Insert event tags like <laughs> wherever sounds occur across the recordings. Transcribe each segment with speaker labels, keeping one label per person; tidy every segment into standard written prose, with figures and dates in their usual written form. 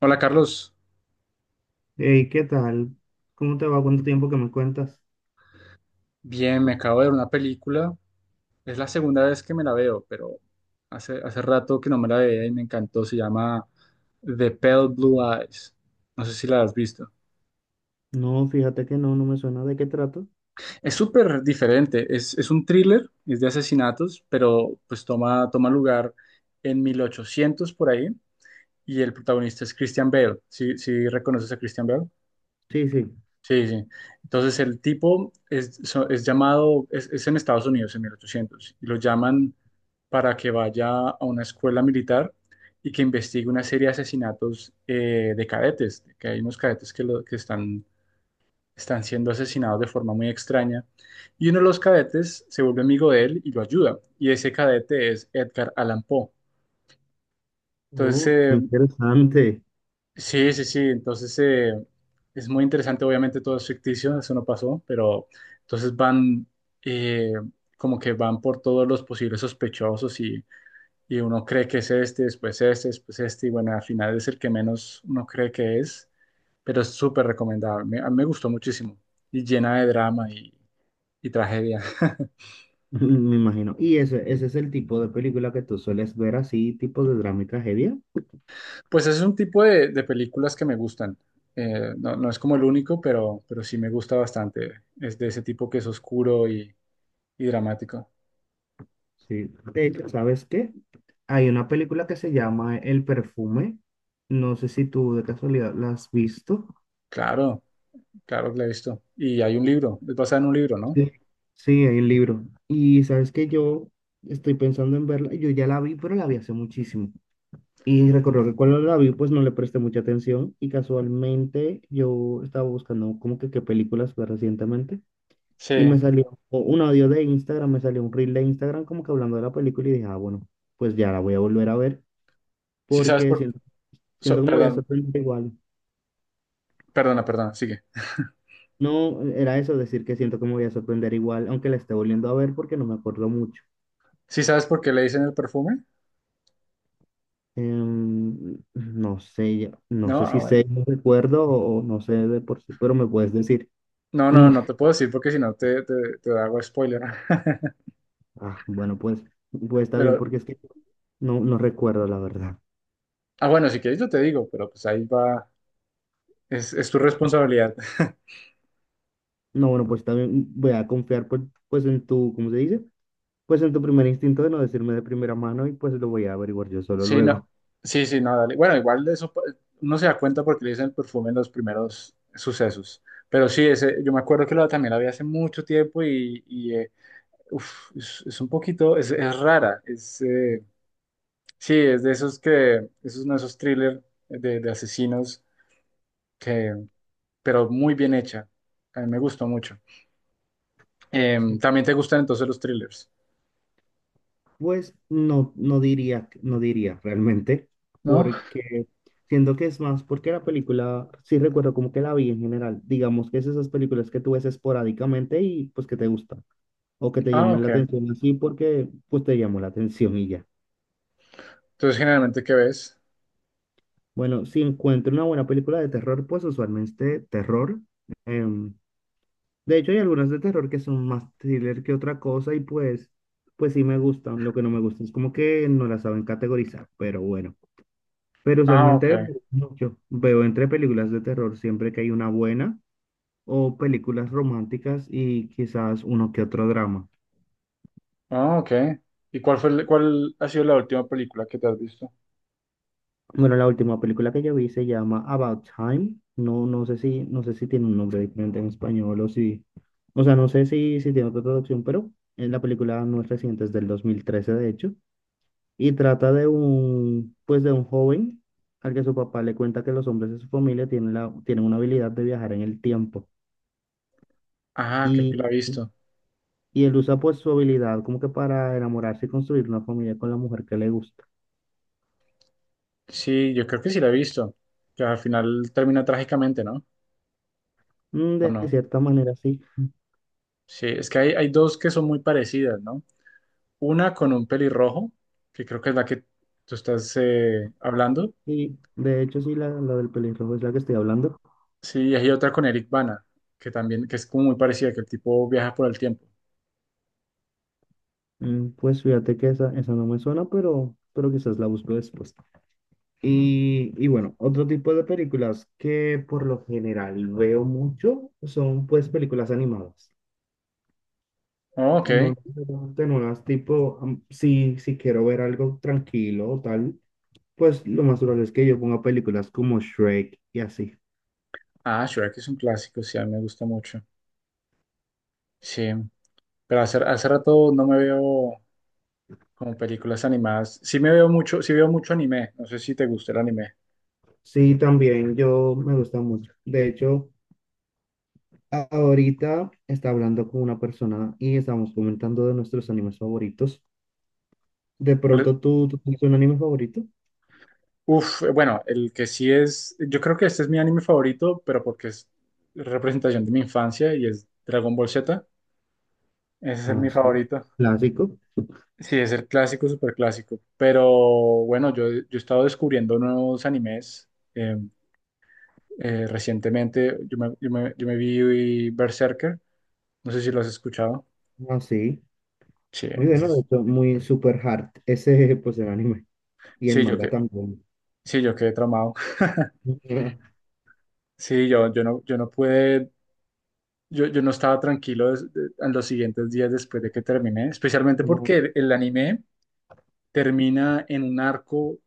Speaker 1: Hola Carlos,
Speaker 2: Hey, ¿qué tal? ¿Cómo te va? ¿Cuánto tiempo que me cuentas?
Speaker 1: bien, me acabo de ver una película. Es la segunda vez que me la veo, pero hace rato que no me la veía y me encantó. Se llama The Pale Blue Eyes. No sé si la has visto.
Speaker 2: No, fíjate que no, me suena de qué trato.
Speaker 1: Es súper diferente. Es un thriller, es de asesinatos, pero pues toma lugar en 1800 por ahí. Y el protagonista es Christian Bale. ¿Sí, sí reconoces a Christian Bale?
Speaker 2: Sí, sí.
Speaker 1: Sí, sí. Entonces el tipo es llamado, es en Estados Unidos en 1800 y lo llaman para que vaya a una escuela militar y que investigue una serie de asesinatos de cadetes, que hay unos cadetes que están, siendo asesinados de forma muy extraña, y uno de los cadetes se vuelve amigo de él y lo ayuda, y ese cadete es Edgar Allan Poe. Entonces,
Speaker 2: Oh, qué
Speaker 1: eh,
Speaker 2: interesante.
Speaker 1: sí, sí, sí. Entonces, es muy interesante, obviamente todo es ficticio, eso no pasó, pero entonces van eh, como que van por todos los posibles sospechosos y, uno cree que es este, después este, después este, y bueno, al final es el que menos uno cree que es, pero es súper recomendable. A mí me gustó muchísimo y llena de drama y, tragedia. <laughs>
Speaker 2: <laughs> Me imagino. ¿Y ese es el tipo de película que tú sueles ver así, tipo de drama y tragedia?
Speaker 1: Pues es un tipo de películas que me gustan. No, no es como el único, pero sí me gusta bastante. Es de ese tipo que es oscuro y dramático.
Speaker 2: Sí. De hecho, ¿sabes qué? Hay una película que se llama El Perfume. No sé si tú de casualidad la has visto.
Speaker 1: Claro, claro que la he visto. Y hay un libro, es basada en un libro, ¿no?
Speaker 2: Sí, sí, hay un libro. Y sabes que yo estoy pensando en verla. Yo ya la vi, pero la vi hace muchísimo. Y recuerdo que cuando la vi, pues no le presté mucha atención y casualmente yo estaba buscando como que qué películas ver recientemente y me
Speaker 1: Sí.
Speaker 2: salió o un audio de Instagram, me salió un reel de Instagram como que hablando de la película y dije, ah, bueno, pues ya la voy a volver a ver
Speaker 1: Sí sabes
Speaker 2: porque
Speaker 1: por...
Speaker 2: siento que me voy a
Speaker 1: perdón,
Speaker 2: sorprender igual.
Speaker 1: perdona, sigue.
Speaker 2: No, era eso, decir que siento que me voy a sorprender igual, aunque la esté volviendo a ver porque no me acuerdo mucho.
Speaker 1: ¿Sí sabes por qué le dicen el perfume?
Speaker 2: No sé, no
Speaker 1: No,
Speaker 2: sé si
Speaker 1: bueno.
Speaker 2: sé, no recuerdo o no sé de por sí, pero me puedes decir.
Speaker 1: No, no, no
Speaker 2: <laughs>
Speaker 1: te puedo decir porque si no te hago spoiler. <laughs>
Speaker 2: Ah, bueno, pues, pues está bien,
Speaker 1: Pero,
Speaker 2: porque es que no, no recuerdo la verdad.
Speaker 1: bueno, si quieres yo te digo, pero pues ahí va, es tu responsabilidad. <laughs>
Speaker 2: No, bueno, pues está bien, voy a confiar pues, pues en tu, ¿cómo se dice? Pues en tu primer instinto de no decirme de primera mano y pues lo voy a averiguar yo solo
Speaker 1: Sí, no,
Speaker 2: luego.
Speaker 1: sí, sí, no, dale. Bueno, igual de eso uno se da cuenta porque le dicen el perfume en los primeros sucesos. Pero sí, ese, yo me acuerdo que también lo había hace mucho tiempo y, Uf, es un poquito, es rara. Sí, es de esos es uno de esos thrillers de asesinos que, pero muy bien hecha. A mí me gustó mucho. También te gustan entonces los thrillers,
Speaker 2: Pues no, no diría, no diría realmente,
Speaker 1: ¿no?
Speaker 2: porque siento que es más, porque la película, sí recuerdo como que la vi en general, digamos que es esas películas que tú ves esporádicamente y pues que te gustan o que te
Speaker 1: Ah,
Speaker 2: llaman
Speaker 1: ok.
Speaker 2: la atención así porque pues te llamó la atención y ya.
Speaker 1: Entonces, generalmente, ¿qué ves?
Speaker 2: Bueno, si encuentro una buena película de terror, pues usualmente terror. Em, de hecho, hay algunas de terror que son más thriller que otra cosa y pues, pues sí me gustan. Lo que no me gusta es como que no las saben categorizar, pero bueno. Pero
Speaker 1: Ah, ok.
Speaker 2: usualmente mucho. Veo entre películas de terror siempre que hay una buena o películas románticas y quizás uno que otro drama.
Speaker 1: Ah, ok. ¿Y cuál ha sido la última película que te has visto?
Speaker 2: Bueno, la última película que yo vi se llama About Time. No, no sé si, no sé si tiene un nombre diferente en español o si, o sea, no sé si, si tiene otra traducción, pero la película no es reciente, es del 2013 de hecho, y trata de un, pues de un joven al que su papá le cuenta que los hombres de su familia tienen la, tienen una habilidad de viajar en el tiempo
Speaker 1: Ah, creo
Speaker 2: y,
Speaker 1: que la he visto.
Speaker 2: y él usa pues su habilidad como que para enamorarse y construir una familia con la mujer que le gusta.
Speaker 1: Sí, yo creo que sí la he visto. Que al final termina trágicamente, ¿no?
Speaker 2: Mm,
Speaker 1: ¿O
Speaker 2: de
Speaker 1: no?
Speaker 2: cierta manera, sí.
Speaker 1: Sí, es que hay dos que son muy parecidas, ¿no? Una con un pelirrojo, que creo que es la que tú estás hablando.
Speaker 2: Sí, de hecho sí, la del pelirrojo es la que estoy hablando.
Speaker 1: Sí, y hay otra con Eric Bana, que es como muy parecida, que el tipo viaja por el tiempo.
Speaker 2: Mm, pues fíjate que esa no me suena, pero quizás la busco después. Y bueno, otro tipo de películas que por lo general veo mucho son pues películas animadas.
Speaker 1: Oh,
Speaker 2: No
Speaker 1: ok.
Speaker 2: necesariamente no las tipo, si, si quiero ver algo tranquilo o tal, pues lo más probable es que yo ponga películas como Shrek y así.
Speaker 1: Ah, Shrek es un clásico, sí, a mí me gusta mucho. Sí, pero hace rato no me veo como películas animadas. Sí me veo mucho, sí veo mucho anime. No sé si te gusta el anime.
Speaker 2: Sí, también yo me gusta mucho. De hecho, ahorita está hablando con una persona y estamos comentando de nuestros animes favoritos. De
Speaker 1: Por- e,
Speaker 2: pronto, ¿tú tienes un anime favorito?
Speaker 1: bueno, el que sí es, yo creo que este es mi anime favorito, pero porque es representación de mi infancia y es Dragon Ball Z. Ese es el-
Speaker 2: Ah,
Speaker 1: mi
Speaker 2: sí.
Speaker 1: favorito.
Speaker 2: Clásico.
Speaker 1: Sí, es el clásico, súper clásico. Pero bueno, yo he estado descubriendo nuevos animes. eh, recientemente yo me vi Berserker. No sé si lo has escuchado.
Speaker 2: Ah, sí.
Speaker 1: Sí,
Speaker 2: Muy bueno, de hecho, muy super hard. Ese, pues, el anime. Y el
Speaker 1: sí,
Speaker 2: manga también.
Speaker 1: sí, yo quedé traumado. <laughs>
Speaker 2: <laughs>
Speaker 1: Sí, yo no pude, yo no estaba tranquilo en los siguientes días después de que terminé, especialmente
Speaker 2: No,
Speaker 1: porque el anime termina en un arco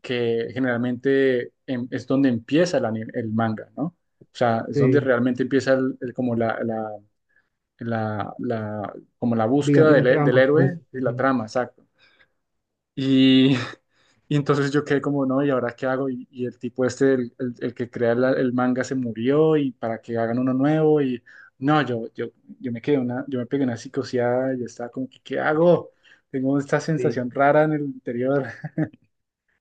Speaker 1: que generalmente es donde empieza el manga, ¿no? O sea, es donde
Speaker 2: sí.
Speaker 1: realmente empieza el- como la- la- como la búsqueda
Speaker 2: Digamos, la
Speaker 1: del
Speaker 2: trama, pues,
Speaker 1: héroe y la trama, exacto. Y, <laughs> y, entonces yo quedé como, no, ¿y ahora qué hago? y el tipo este, el que crea el manga se murió y para que hagan uno nuevo y no, yo me pegué una psicoseada y estaba como, ¿qué hago? Tengo esta
Speaker 2: sí.
Speaker 1: sensación rara en el interior. <laughs>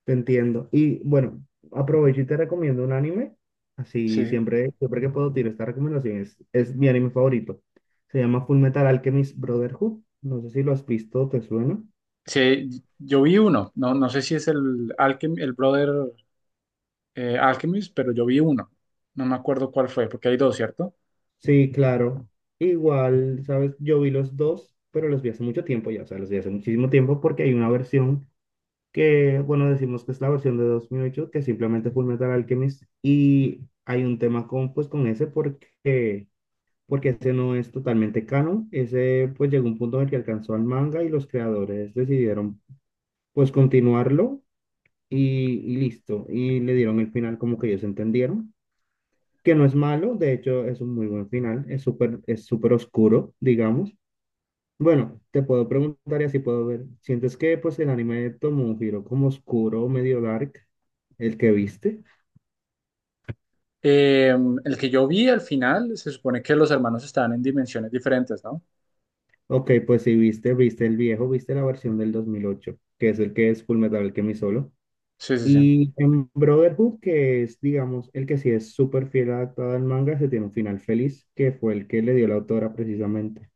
Speaker 2: Te entiendo. Y bueno, aprovecho y te recomiendo un anime. Así
Speaker 1: Sí.
Speaker 2: siempre, siempre que puedo tiro esta recomendación. Es mi anime favorito. Se llama Full Metal Alchemist Brotherhood. No sé si lo has visto, ¿te suena?
Speaker 1: Sí, yo vi uno, no sé si es el Brother Alchemist, pero yo vi uno. No me acuerdo cuál fue, porque hay dos, ¿cierto?
Speaker 2: Sí, claro. Igual, sabes, yo vi los dos, pero los vi hace mucho tiempo ya. O sea, los vi hace muchísimo tiempo porque hay una versión que, bueno, decimos que es la versión de 2008 que simplemente Full Metal Alchemist. Y hay un tema con, pues, con ese porque ese no es totalmente canon. Ese pues llegó un punto en el que alcanzó al manga y los creadores decidieron pues continuarlo y listo. Y le dieron el final como que ellos entendieron, que no es malo, de hecho es un muy buen final, es súper oscuro, digamos. Bueno, te puedo preguntar y así puedo ver. ¿Sientes que pues el anime tomó un giro como oscuro, medio dark, el que viste?
Speaker 1: Eh, el que yo vi al final, se supone que los hermanos estaban en dimensiones diferentes, ¿no?
Speaker 2: Ok, pues si viste, viste el viejo, viste la versión del 2008 que es el que es Fullmetal Alchemist solo.
Speaker 1: Sí, sí, sí.
Speaker 2: Y en Brotherhood, que es, digamos, el que sí es súper fiel adaptado al manga, se tiene un final feliz, que fue el que le dio la autora precisamente.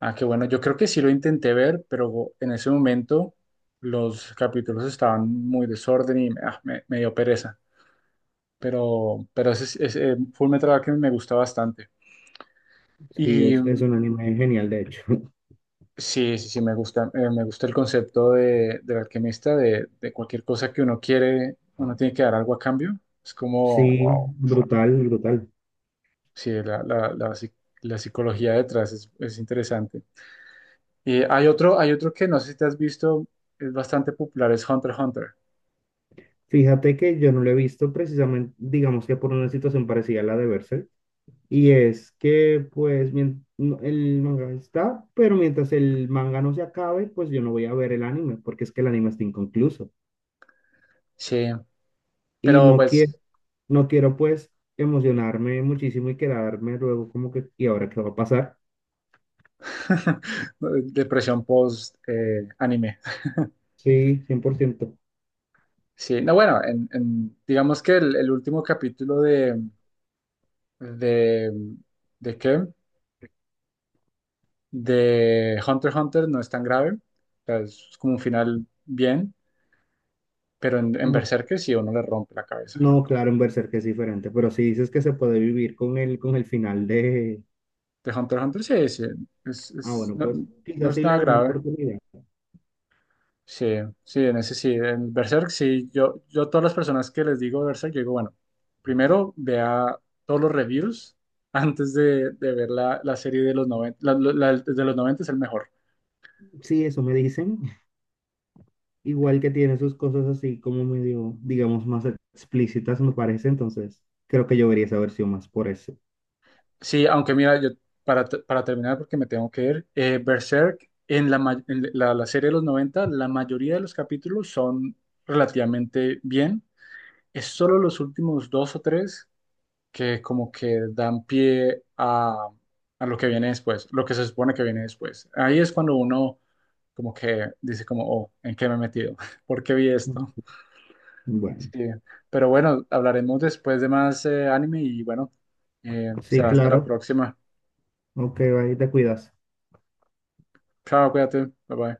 Speaker 1: Ah, qué bueno, yo creo que sí lo intenté ver, pero en ese momento los capítulos estaban muy desorden y me dio pereza. Pero ese Fullmetal Alchemist me gusta bastante.
Speaker 2: Sí, es un anime genial, de hecho. <laughs>
Speaker 1: Sí, sí, sí, me gusta el concepto del alquimista, de cualquier cosa que uno quiere, uno tiene que dar algo a cambio. Es como,
Speaker 2: Sí,
Speaker 1: wow,
Speaker 2: brutal, brutal.
Speaker 1: sí, la psicología detrás es interesante. Y hay otro que no sé si te has visto, es bastante popular, es Hunter x Hunter.
Speaker 2: Fíjate que yo no lo he visto precisamente, digamos que por una situación parecida a la de Berserk. Y es que, pues, el manga está, pero mientras el manga no se acabe, pues yo no voy a ver el anime, porque es que el anime está inconcluso.
Speaker 1: Sí,
Speaker 2: Y
Speaker 1: pero
Speaker 2: no quiero,
Speaker 1: pues,
Speaker 2: no quiero pues emocionarme muchísimo y quedarme luego como que, ¿y ahora qué va a pasar?
Speaker 1: <laughs> depresión post anime.
Speaker 2: Sí, 100%.
Speaker 1: Sí, no, bueno, digamos que el último capítulo de, de, ¿de qué? De Hunter x Hunter no es tan grave, o sea, es como un final bien, pero en
Speaker 2: No,
Speaker 1: Berserker sí uno le rompe la cabeza.
Speaker 2: no, claro, en Berserk es diferente, pero si dices que se puede vivir con el final de...
Speaker 1: De Hunter x Hunter sí, sí,
Speaker 2: Ah, bueno,
Speaker 1: no,
Speaker 2: pues
Speaker 1: no
Speaker 2: quizás
Speaker 1: es
Speaker 2: sí le
Speaker 1: nada
Speaker 2: dé una
Speaker 1: grave.
Speaker 2: oportunidad.
Speaker 1: Sí, sí, en ese sí, en Berserk sí, yo a todas las personas que les digo Berserk, yo digo, bueno, primero vea todos los reviews <laughs> antes de ver la serie de los 90 la de los 90 es el mejor.
Speaker 2: Sí, eso me dicen. Igual que tiene sus cosas así como medio, digamos, más explícitas, me parece. Entonces, creo que yo vería esa versión más por eso.
Speaker 1: Sí, aunque mira, yo para terminar, porque me tengo que ir, Berserk, en la serie de los 90, la mayoría de los capítulos son relativamente bien. Es solo los últimos dos o tres que como que dan pie a lo que viene después, lo que se supone que viene después. Ahí es cuando uno como que dice como, oh, ¿en qué me he metido? <laughs> ¿Por qué vi esto? Sí,
Speaker 2: Bueno,
Speaker 1: pero bueno, hablaremos después de más anime y bueno,
Speaker 2: sí, sí,
Speaker 1: será hasta la
Speaker 2: claro.
Speaker 1: próxima.
Speaker 2: Ok, ahí te cuidas.
Speaker 1: Chao, cuídate. Bye bye.